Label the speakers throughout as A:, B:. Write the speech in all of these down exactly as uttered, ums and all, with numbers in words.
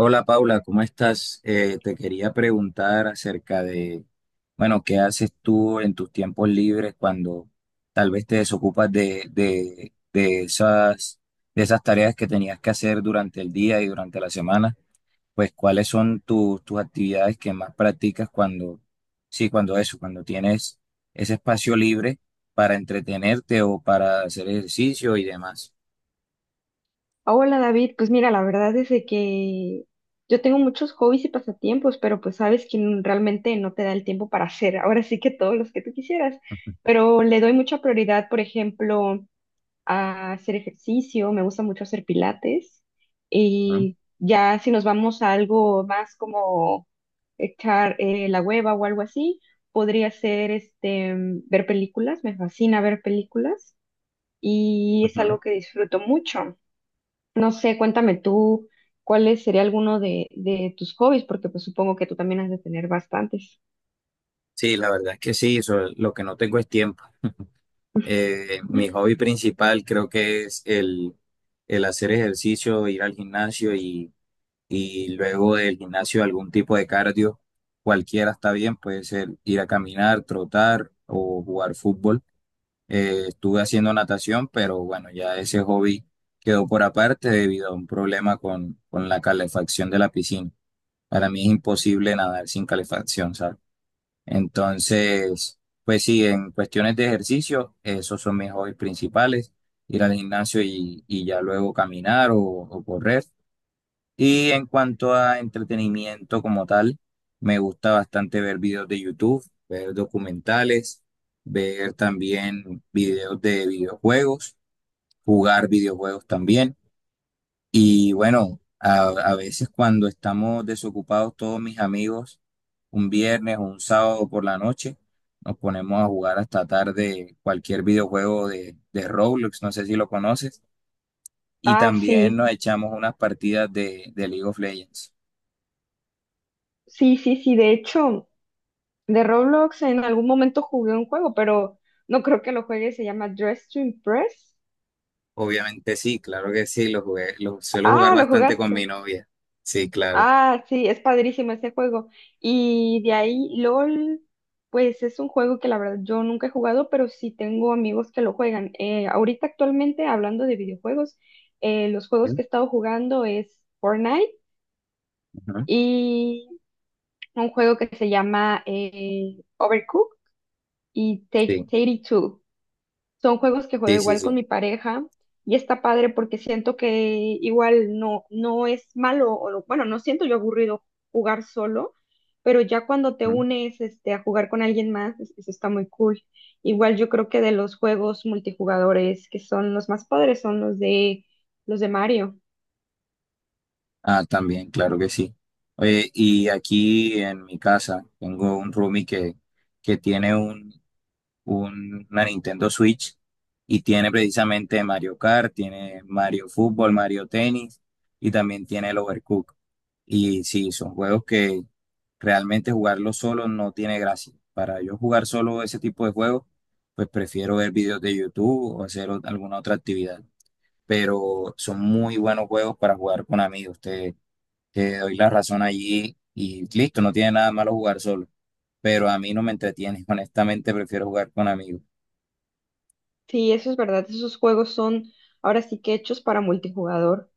A: Hola Paula, ¿cómo estás? Eh, te quería preguntar acerca de, bueno, ¿qué haces tú en tus tiempos libres cuando tal vez te desocupas de, de, de esas, de esas tareas que tenías que hacer durante el día y durante la semana? Pues, ¿cuáles son tus tus actividades que más practicas cuando, sí, cuando eso, cuando tienes ese espacio libre para entretenerte o para hacer ejercicio y demás?
B: Hola David, pues mira, la verdad es de que yo tengo muchos hobbies y pasatiempos, pero pues sabes que n- realmente no te da el tiempo para hacer ahora sí que todos los que tú quisieras, pero le doy mucha prioridad, por ejemplo, a hacer ejercicio, me gusta mucho hacer pilates
A: Ujú,
B: y ya si nos vamos a algo más como echar eh, la hueva o algo así, podría ser este, ver películas, me fascina ver películas y es
A: ujú.
B: algo que disfruto mucho. No sé, cuéntame tú, ¿cuál sería alguno de, de tus hobbies? Porque pues supongo que tú también has de tener bastantes.
A: Sí, la verdad es que sí, eso, lo que no tengo es tiempo. Eh, mi hobby principal creo que es el, el hacer ejercicio, ir al gimnasio y, y luego del gimnasio algún tipo de cardio, cualquiera está bien, puede ser ir a caminar, trotar o jugar fútbol. Eh, estuve haciendo natación, pero bueno, ya ese hobby quedó por aparte debido a un problema con, con la calefacción de la piscina. Para mí es imposible nadar sin calefacción, ¿sabes? Entonces, pues sí, en cuestiones de ejercicio, esos son mis hobbies principales, ir al gimnasio y, y ya luego caminar o, o correr. Y en cuanto a entretenimiento como tal, me gusta bastante ver videos de YouTube, ver documentales, ver también videos de videojuegos, jugar videojuegos también. Y bueno, a, a veces cuando estamos desocupados todos mis amigos, un viernes o un sábado por la noche, nos ponemos a jugar hasta tarde cualquier videojuego de, de Roblox, no sé si lo conoces, y
B: Ah,
A: también
B: sí,
A: nos echamos unas partidas de, de League of Legends.
B: sí, sí, sí. De hecho, de Roblox en algún momento jugué un juego, pero no creo que lo juegue. Se llama Dress to Impress.
A: Obviamente sí, claro que sí, lo jugué, lo suelo jugar
B: Ah, lo
A: bastante con mi
B: jugaste.
A: novia. Sí, claro.
B: Ah, sí, es padrísimo ese juego. Y de ahí, L O L, pues es un juego que la verdad yo nunca he jugado, pero sí tengo amigos que lo juegan. Eh, ahorita actualmente, hablando de videojuegos, eh, los juegos que he estado jugando es Fortnite
A: Ujú.
B: y un juego que se llama eh, Overcooked y
A: Sí,
B: Take Two. Son juegos que juego
A: sí, sí,
B: igual
A: sí.
B: con mi pareja y está padre porque siento que igual no, no es malo, o lo- bueno, no siento yo aburrido jugar solo, pero ya cuando te unes este, a jugar con alguien más, es- eso está muy cool. Igual yo creo que de los juegos multijugadores que son los más padres son los de los de Mario.
A: Ah, también, claro que sí. Oye, y aquí en mi casa tengo un roomie que, que tiene un, un- una Nintendo Switch y tiene precisamente Mario Kart, tiene Mario Fútbol, Mario Tenis y también tiene el Overcooked. Y sí, son juegos que realmente jugarlos solo no tiene gracia. Para yo jugar solo ese tipo de juegos, pues prefiero ver videos de YouTube o hacer ot- alguna otra actividad. Pero son muy buenos juegos para jugar con amigos. Te doy la razón allí y listo, no tiene nada malo jugar solo, pero a mí no me entretiene, honestamente prefiero jugar con amigos.
B: Sí, eso es verdad. Esos juegos son ahora sí que hechos para multijugador.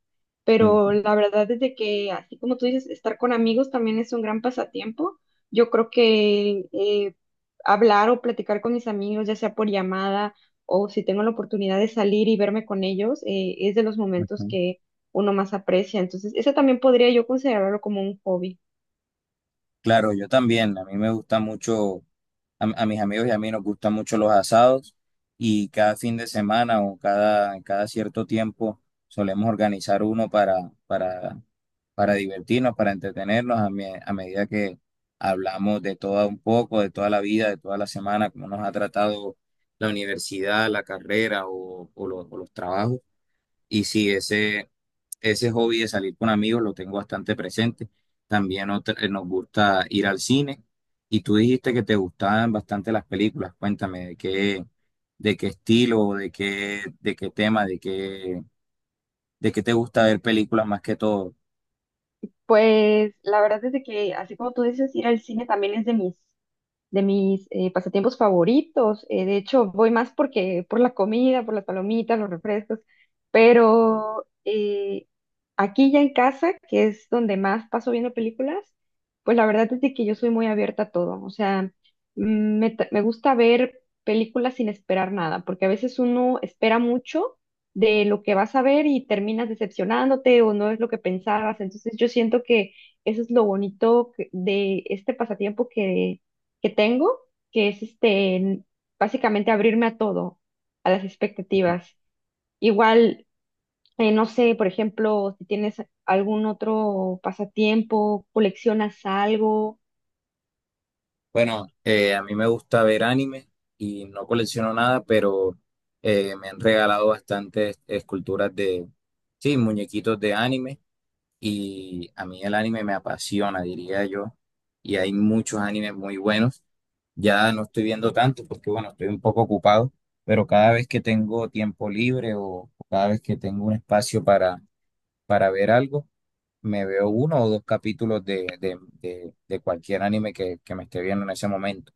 B: Pero
A: Mm,
B: la verdad es de que, así como tú dices, estar con amigos también es un gran pasatiempo. Yo creo que eh, hablar o platicar con mis amigos, ya sea por llamada o si tengo la oportunidad de salir y verme con ellos, eh, es de los momentos
A: ujú.
B: que uno más aprecia. Entonces, eso también podría yo considerarlo como un hobby.
A: Claro, yo también, a mí me gusta mucho, a, a mis amigos y a mí nos gustan mucho los asados y cada fin de semana o cada, cada cierto tiempo solemos organizar uno para, para para divertirnos, para entretenernos a, me- a medida que hablamos de todo un poco, de toda la vida, de toda la semana, cómo nos ha tratado la universidad, la carrera o, o los, o los trabajos. Y sí, ese, ese hobby de salir con amigos lo tengo bastante presente. También otra- eh, nos gusta ir al cine. Y tú dijiste que te gustaban bastante las películas. Cuéntame de qué, de qué estilo, de qué, de qué tema, de qué, de qué te gusta ver películas más que todo.
B: Pues la verdad es de que, así como tú dices, ir al cine también es de mis de mis eh, pasatiempos favoritos. Eh, de hecho, voy más porque por la comida, por las palomitas, los refrescos, pero eh, aquí ya en casa, que es donde más paso viendo películas, pues la verdad es de que yo soy muy abierta a todo. O sea, mm, me, ta- me gusta ver películas sin esperar nada, porque a veces uno espera mucho de lo que vas a ver y terminas decepcionándote o no es lo que pensabas. Entonces yo siento que eso es lo bonito que- de este pasatiempo que que tengo, que es este, básicamente abrirme a todo, a las expectativas. Igual, eh, no sé, por ejemplo, si tienes algún otro pasatiempo, coleccionas algo,
A: Bueno, eh, a mí me gusta ver anime y no colecciono nada, pero eh, me han regalado bastantes esculturas de, sí, muñequitos de anime y a mí el anime me apasiona, diría yo, y hay muchos animes muy buenos. Ya no estoy viendo tanto porque, bueno, estoy un poco ocupado, pero cada vez que tengo tiempo libre o cada vez que tengo un espacio para, para ver algo, me veo uno o dos capítulos de, de, de, de cualquier anime que, que me esté viendo en ese momento.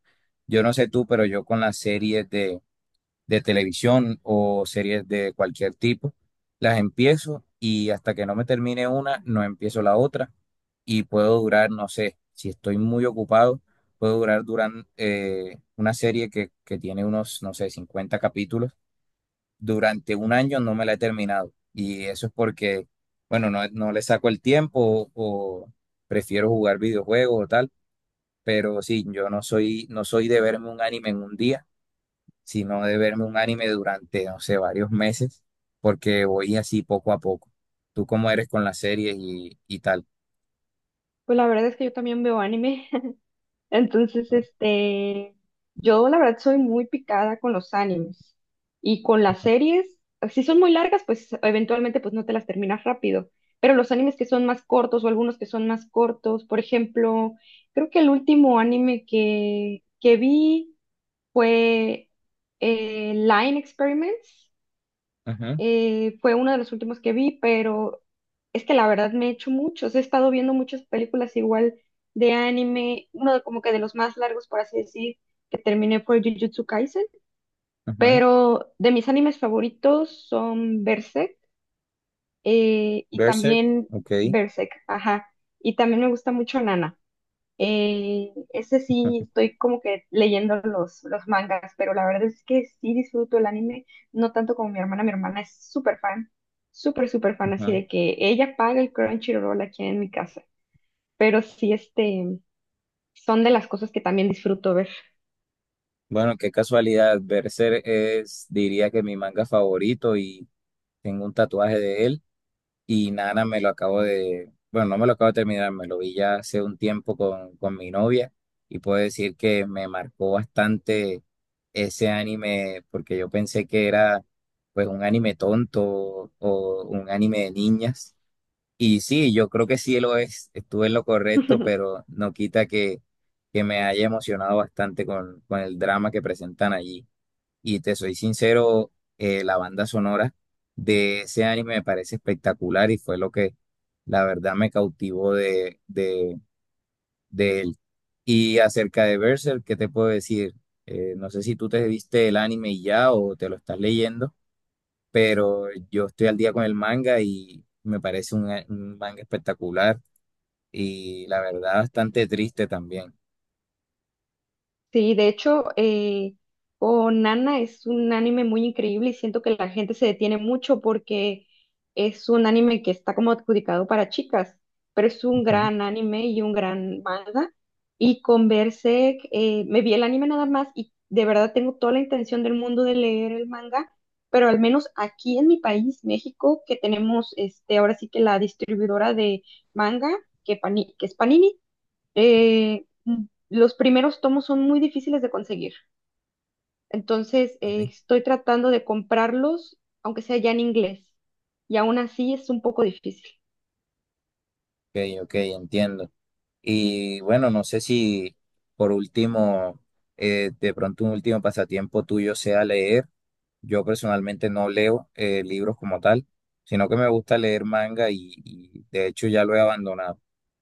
A: Yo no sé tú, pero yo con las series de, de televisión o series de cualquier tipo, las empiezo y hasta que no me termine una, no empiezo la otra y puedo durar, no sé, si estoy muy ocupado, puedo durar durante una serie que, que tiene unos, no sé, cincuenta capítulos durante un año no me la he terminado. Y eso es porque, bueno, no, no le saco el tiempo o, prefiero jugar videojuegos o tal. Pero sí, yo no soy, no soy de verme un anime en un día, sino de verme un anime durante, no sé, varios meses, porque voy así poco a poco. Tú cómo eres con las series y, y tal,
B: pues la verdad es que yo también veo anime. Entonces,
A: ¿no?
B: este, yo la verdad soy muy picada con los animes y con las series, si son muy largas, pues eventualmente pues no te las terminas rápido, pero los animes que son más cortos o algunos que son más cortos, por ejemplo, creo que el último anime que, que vi fue eh, Line Experiments, eh, fue uno de los últimos que vi, pero es que la verdad me he hecho muchos. He estado viendo muchas películas igual de anime, uno de- como que de los más largos, por así decir, que terminé fue Jujutsu Kaisen.
A: Ujú, ujú.
B: Pero de mis animes favoritos son Berserk eh, y
A: Berserk,
B: también
A: ok.
B: Berserk, ajá. Y también me gusta mucho Nana. Eh, ese sí, estoy como que leyendo los, los mangas, pero la verdad es que sí disfruto el anime, no tanto como mi hermana. Mi hermana es súper fan, súper, súper fan, así
A: Ujú.
B: de que ella paga el Crunchyroll aquí en mi casa. Pero sí, este, son de las cosas que también disfruto ver.
A: Bueno, qué casualidad. Berserk es, diría que mi manga favorito y tengo un tatuaje de él. Y Nana me lo acabo de, bueno, no me lo acabo de terminar, me lo vi ya hace un tiempo con, con mi novia y puedo decir que me marcó bastante ese anime porque yo pensé que era pues un anime tonto o un anime de niñas. Y sí, yo creo que sí lo es, estuve en lo correcto, pero no quita que, que me haya emocionado bastante con, con el drama que presentan allí. Y te soy sincero, eh, la banda sonora de ese anime me parece espectacular y fue lo que la verdad me cautivó de, de, de él. Y acerca de Berserk, ¿qué te puedo decir? Eh, no sé si tú te viste el anime y ya o te lo estás leyendo, pero yo estoy al día con el manga y me parece un, a- un manga espectacular y la verdad bastante triste también.
B: Sí, de hecho, eh, oh, Nana es un anime muy increíble y siento que la gente se detiene mucho porque es un anime que está como adjudicado para chicas, pero es un
A: Ujú.
B: gran anime y un gran manga. Y con Berserk, eh, me vi el anime nada más y de verdad tengo toda la intención del mundo de leer el manga, pero al menos aquí en mi país, México, que tenemos este, ahora sí que la distribuidora de manga, que, Pani- que es Panini eh, mm, los primeros tomos son muy difíciles de conseguir, entonces
A: Ok,
B: eh, estoy tratando de comprarlos, aunque sea ya en inglés, y aún así es un poco difícil.
A: ok, entiendo. Y bueno, no sé si por último, eh, de pronto un último pasatiempo tuyo sea leer. Yo personalmente no leo eh, libros como tal, sino que me gusta leer manga y, y de hecho ya lo he abandonado.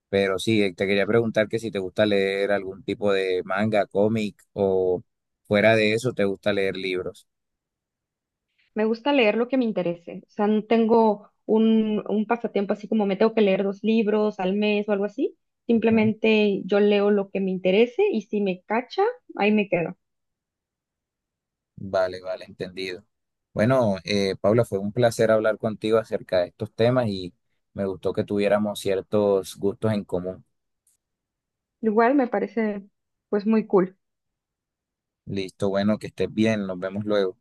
A: Pero sí, eh, te quería preguntar que si te gusta leer algún tipo de manga, cómic o fuera de eso, te gusta leer libros.
B: Me gusta leer lo que me interese, o sea, no tengo un, un pasatiempo así como me tengo que leer dos libros al mes o algo así,
A: Ujú.
B: simplemente yo leo lo que me interese y si me cacha, ahí me quedo.
A: Vale, vale, entendido. Bueno, eh, Paula, fue un placer hablar contigo acerca de estos temas y me gustó que tuviéramos ciertos gustos en común.
B: Igual me parece pues muy cool.
A: Listo, bueno, que estés bien, nos vemos luego.